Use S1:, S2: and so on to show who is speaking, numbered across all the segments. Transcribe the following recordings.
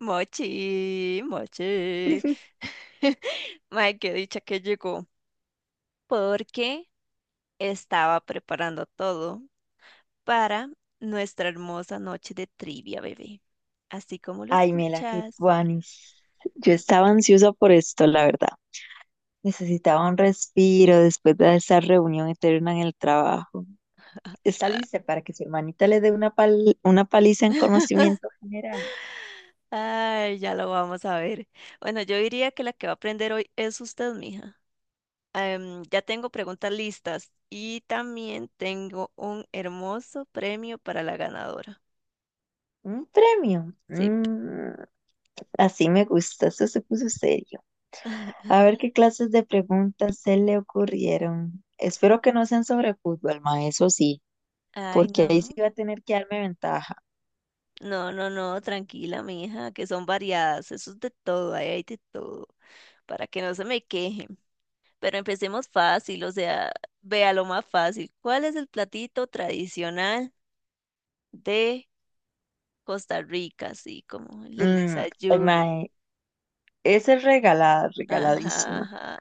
S1: Mochi, mochi. Mae, qué dicha que llegó, porque estaba preparando todo para nuestra hermosa noche de trivia, bebé. Así como lo
S2: Ay, Mela, qué
S1: escuchas.
S2: tuanis. Yo estaba ansiosa por esto, la verdad. Necesitaba un respiro después de esa reunión eterna en el trabajo. ¿Está
S1: Ah.
S2: lista para que su hermanita le dé una paliza en conocimiento general?
S1: Ay, ya lo vamos a ver. Bueno, yo diría que la que va a aprender hoy es usted, mija. Ya tengo preguntas listas y también tengo un hermoso premio para la ganadora.
S2: ¿Un premio?
S1: Sí.
S2: Mm, así me gusta, eso se puso serio. A ver qué clases de preguntas se le ocurrieron. Espero que no sean sobre fútbol, ma, eso sí,
S1: Ay,
S2: porque ahí sí
S1: no.
S2: va a tener que darme ventaja.
S1: No, no, no, tranquila, mija, que son variadas, eso es de todo, ahí hay de todo, para que no se me quejen. Pero empecemos fácil, o sea, vea lo más fácil. ¿Cuál es el platito tradicional de Costa Rica? Así como el del
S2: Mm,
S1: desayuno.
S2: esa es regalada,
S1: Ajá,
S2: regaladísima.
S1: ajá,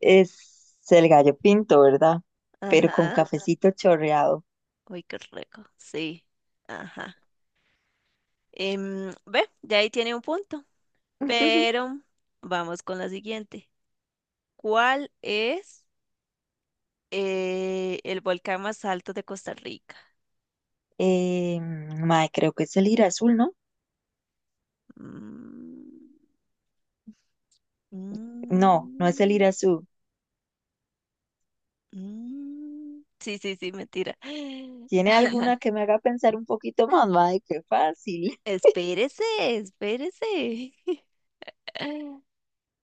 S2: Es el gallo pinto, ¿verdad? Pero con
S1: ajá.
S2: cafecito chorreado.
S1: Uy, qué rico, sí, ajá. Ve, ya ahí tiene un punto, pero vamos con la siguiente. ¿Cuál es? El volcán más alto de Costa Rica.
S2: Mae, creo que es el ir azul, ¿no?
S1: Mm,
S2: No, no es el ir
S1: mm,
S2: azul.
S1: mm. Sí, sí, sí, mentira.
S2: ¿Tiene alguna que me haga pensar un poquito más? Mae, qué fácil.
S1: Espérese, espérese.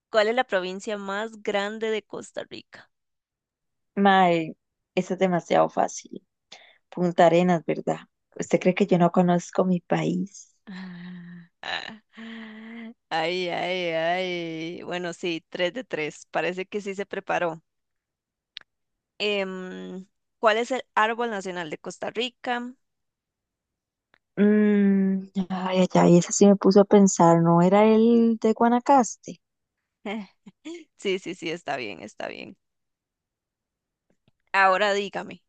S1: ¿Cuál es la provincia más grande de Costa Rica?
S2: Mae, eso es demasiado fácil. Punta Arenas, ¿verdad? ¿Usted cree que yo no conozco mi país?
S1: Ah, ah, ay, ay, ay. Bueno, sí, tres de tres. Parece que sí se preparó. Em, ¿Cuál es el árbol nacional de Costa Rica?
S2: Mm, ay, ay, ay, esa sí me puso a pensar, ¿no era el de Guanacaste?
S1: Sí, sí, sí, está bien, está bien. Ahora dígame,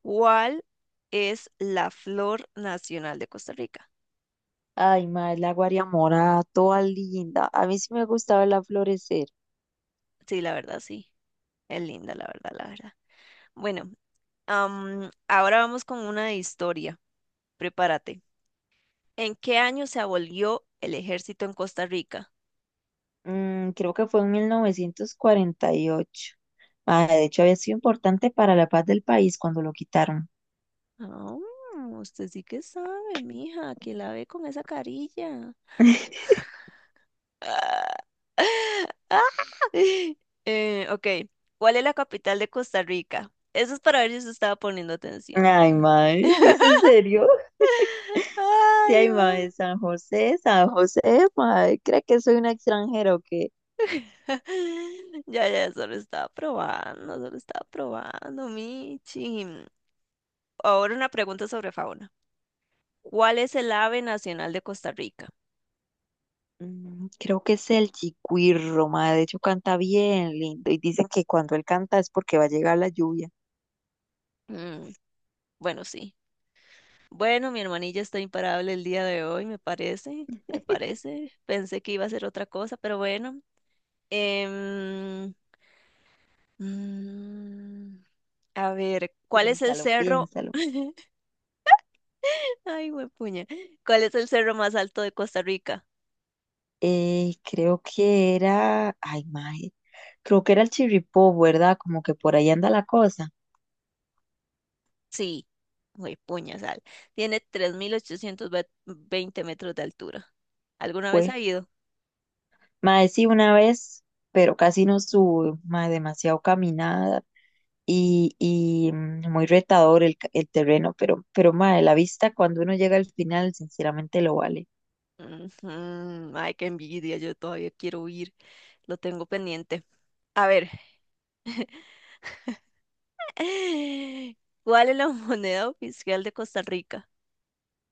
S1: ¿cuál es la flor nacional de Costa Rica?
S2: Ay, madre, la Guariamora, toda linda. A mí sí me gustaba verla florecer.
S1: Sí, la verdad, sí. Es linda, la verdad, la verdad. Bueno, ahora vamos con una de historia. Prepárate. ¿En qué año se abolió el ejército en Costa Rica?
S2: Mm, creo que fue en 1948. Madre, de hecho, había sido importante para la paz del país cuando lo quitaron.
S1: Ah, usted sí que sabe, mija, que la ve con esa carilla. Ah, ah. Ok, ¿cuál es la capital de Costa Rica? Eso es para ver si se estaba poniendo atención,
S2: Ay,
S1: ¿verdad?
S2: madre, ¿es en serio? De ay,
S1: Ay,
S2: madre,
S1: man.
S2: San José, San José, madre, ¿cree que soy una extranjera o qué?
S1: Ya, ya, solo estaba probando, Michi. Ahora una pregunta sobre fauna. ¿Cuál es el ave nacional de Costa Rica?
S2: Mm, creo que es el Chiquirro, madre, de hecho canta bien lindo y dicen que cuando él canta es porque va a llegar la lluvia.
S1: Mm, bueno, sí. Bueno, mi hermanilla está imparable el día de hoy, me parece, me parece. Pensé que iba a ser otra cosa, pero bueno. Em, mm, a ver, ¿cuál es el
S2: Piénsalo,
S1: cerro?
S2: piénsalo.
S1: Ay, güey, puña. ¿Cuál es el cerro más alto de Costa Rica?
S2: Creo que era, ay, mae, creo que era el Chirripó, ¿verdad? Como que por ahí anda la cosa.
S1: Sí, güey, puñasal. Tiene 3820 metros de altura. ¿Alguna vez ha
S2: Fue,
S1: ido?
S2: mae, sí, una vez, pero casi no sube, mae, demasiado caminada y muy retador el terreno, pero, mae, la vista cuando uno llega al final, sinceramente lo vale.
S1: Ujú, ay, qué envidia, yo todavía quiero ir. Lo tengo pendiente. A ver, ¿cuál es la moneda oficial de Costa Rica?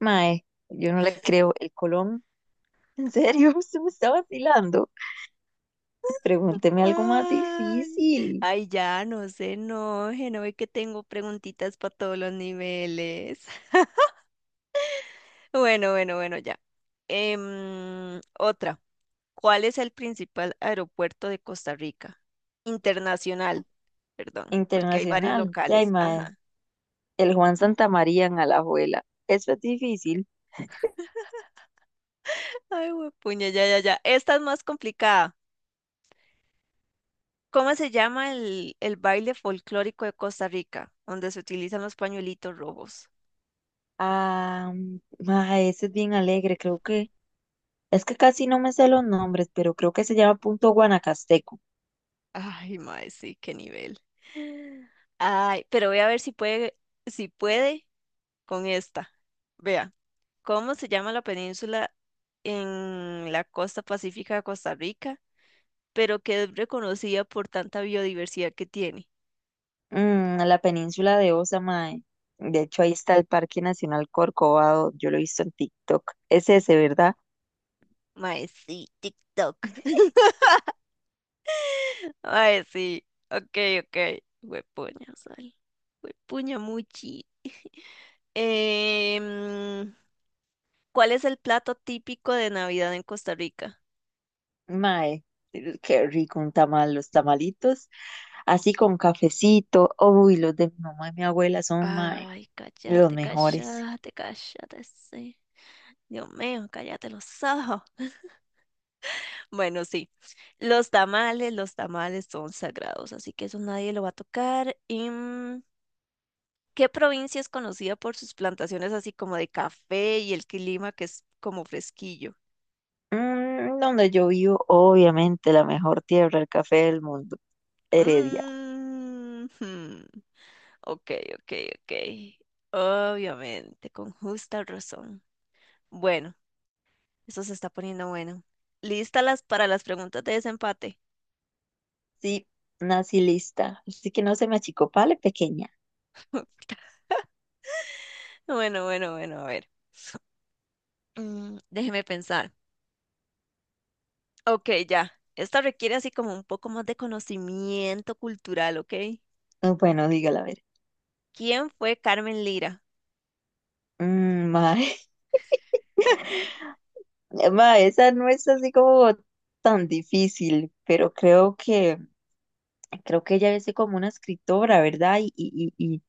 S2: Mae, yo no le creo, el Colón, ¿en serio? ¿Se me está vacilando? Pregúnteme algo más
S1: Ay,
S2: difícil.
S1: ay, ya, no se enoje, no ve que tengo preguntitas para todos los niveles. Bueno, bueno, bueno, ya. Otra. ¿Cuál es el principal aeropuerto de Costa Rica? Internacional, perdón, porque hay varios
S2: Internacional. Ya,
S1: locales.
S2: mae.
S1: Ajá.
S2: El Juan Santamaría en Alajuela. Eso es difícil.
S1: Ay, puña, ya, ya, ya. Esta es más complicada. ¿Cómo se llama el baile folclórico de Costa Rica, donde se utilizan los pañuelitos rojos?
S2: Ah, mae, ese es bien alegre, creo que. Es que casi no me sé los nombres, pero creo que se llama Punto Guanacasteco.
S1: Ay, mae, sí, qué nivel. Ay, pero voy a ver si puede, si puede con esta. Vea, ¿cómo se llama la península en la costa pacífica de Costa Rica? Pero que es reconocida por tanta biodiversidad que tiene.
S2: Mm, la península de Osa, mae. De hecho, ahí está el Parque Nacional Corcovado. Yo lo he visto en TikTok. Es ese, ¿verdad?
S1: Mae, sí, TikTok. Mae, sí. Ok, ok. Huepuña, ay. Huepuña, muchi. Em, ¿cuál es el plato típico de Navidad en Costa Rica?
S2: Mae, qué rico un tamal, los tamalitos. Así con cafecito. Uy, los de mi mamá y mi abuela son, mae,
S1: Ay,
S2: los
S1: cállate,
S2: mejores.
S1: cállate, cállate, sí. Dios mío, cállate los ojos. Bueno, sí, los tamales son sagrados, así que eso nadie lo va a tocar. ¿Qué provincia es conocida por sus plantaciones así como de café y el clima que es como fresquillo?
S2: Mm, donde yo vivo, obviamente, la mejor tierra, el café del mundo, Heredia.
S1: Mm, hmm, ok, ok, ok. Obviamente, con justa razón. Bueno, eso se está poniendo bueno. ¿Lista las para las preguntas de desempate?
S2: Sí, nací lista, así que no se me achicopale, pequeña.
S1: Bueno, bueno, bueno, a ver. Déjeme pensar. Ok, ya. Esta requiere así como un poco más de conocimiento cultural, ¿ok?
S2: Ah, bueno, dígala a ver.
S1: ¿Quién fue Carmen Lira?
S2: Mm, mae, mae, esa no es así como tan difícil, pero creo que ella es como una escritora, ¿verdad? Y, y, y, y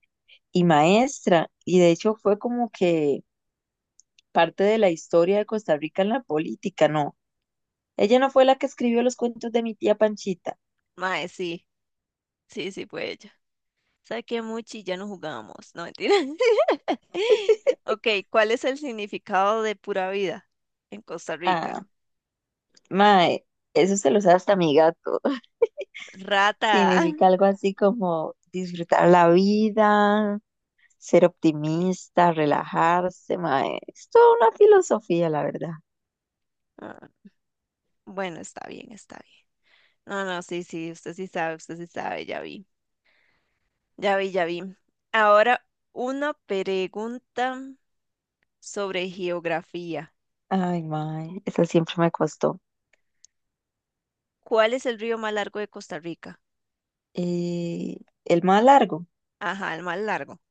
S2: y maestra, y de hecho fue como que parte de la historia de Costa Rica en la política, ¿no? Ella no fue la que escribió los cuentos de mi tía Panchita.
S1: Mae, sí, sí, sí, fue ella. Saquemuchi y ya no jugamos. No, mentira. Ok, ¿cuál es el significado de pura vida en Costa Rica?
S2: Ah. Mae, eso se lo sabe hasta mi gato.
S1: Rata.
S2: Significa algo así como disfrutar la vida, ser optimista, relajarse, mae. Es toda una filosofía, la verdad.
S1: Ah, bueno, está bien, está bien. No, no, sí, sí, usted sí sabe, ya vi, ya vi, ya vi. Ahora, una pregunta sobre geografía.
S2: Ay, mae, eso siempre me costó.
S1: ¿Cuál es el río más largo de Costa Rica?
S2: Eh, el más largo,
S1: Ajá, el más largo.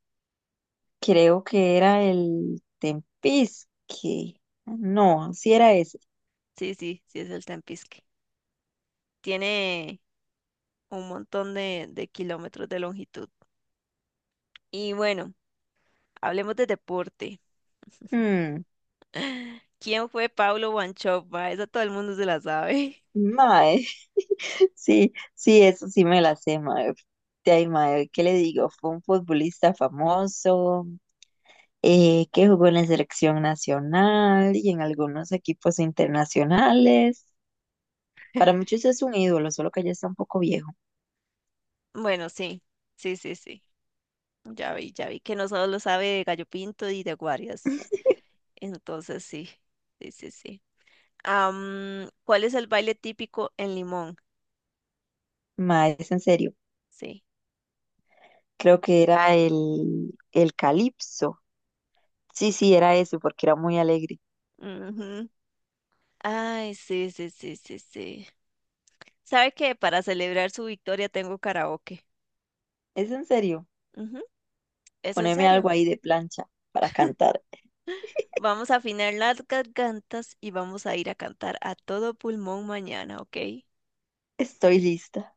S2: creo que era el Tempisque. No, sí era ese.
S1: Sí, sí, sí, es el Tempisque. Tiene un montón de kilómetros de longitud. Y bueno. Hablemos de deporte.
S2: Mm,
S1: ¿Quién fue Paulo Wanchope, ma? Esa todo el mundo se la sabe.
S2: mae, sí, sí, eso sí me la sé, mae. De ahí, mae, ¿qué le digo? Fue un futbolista famoso, que jugó en la selección nacional y en algunos equipos internacionales. Para muchos es un ídolo, solo que ya está un poco viejo.
S1: Bueno, sí, sí, sí, sí. Ya vi que no solo lo sabe de gallo pinto y de guarias. Entonces sí, sí, sí, sí. ¿Cuál es el baile típico en Limón?
S2: Mae, es en serio.
S1: Sí.
S2: Creo que era el Calipso. Sí, sí, era eso, porque era muy alegre.
S1: Ujú. Ay, sí, sí, sí, sí, sí. ¿Sabe que para celebrar su victoria tengo karaoke?
S2: Es en serio.
S1: Ujú, ¿es en
S2: Poneme
S1: serio?
S2: algo ahí de plancha para cantar.
S1: Vamos a afinar las gargantas y vamos a ir a cantar a todo pulmón mañana, ¿ok?
S2: Estoy lista.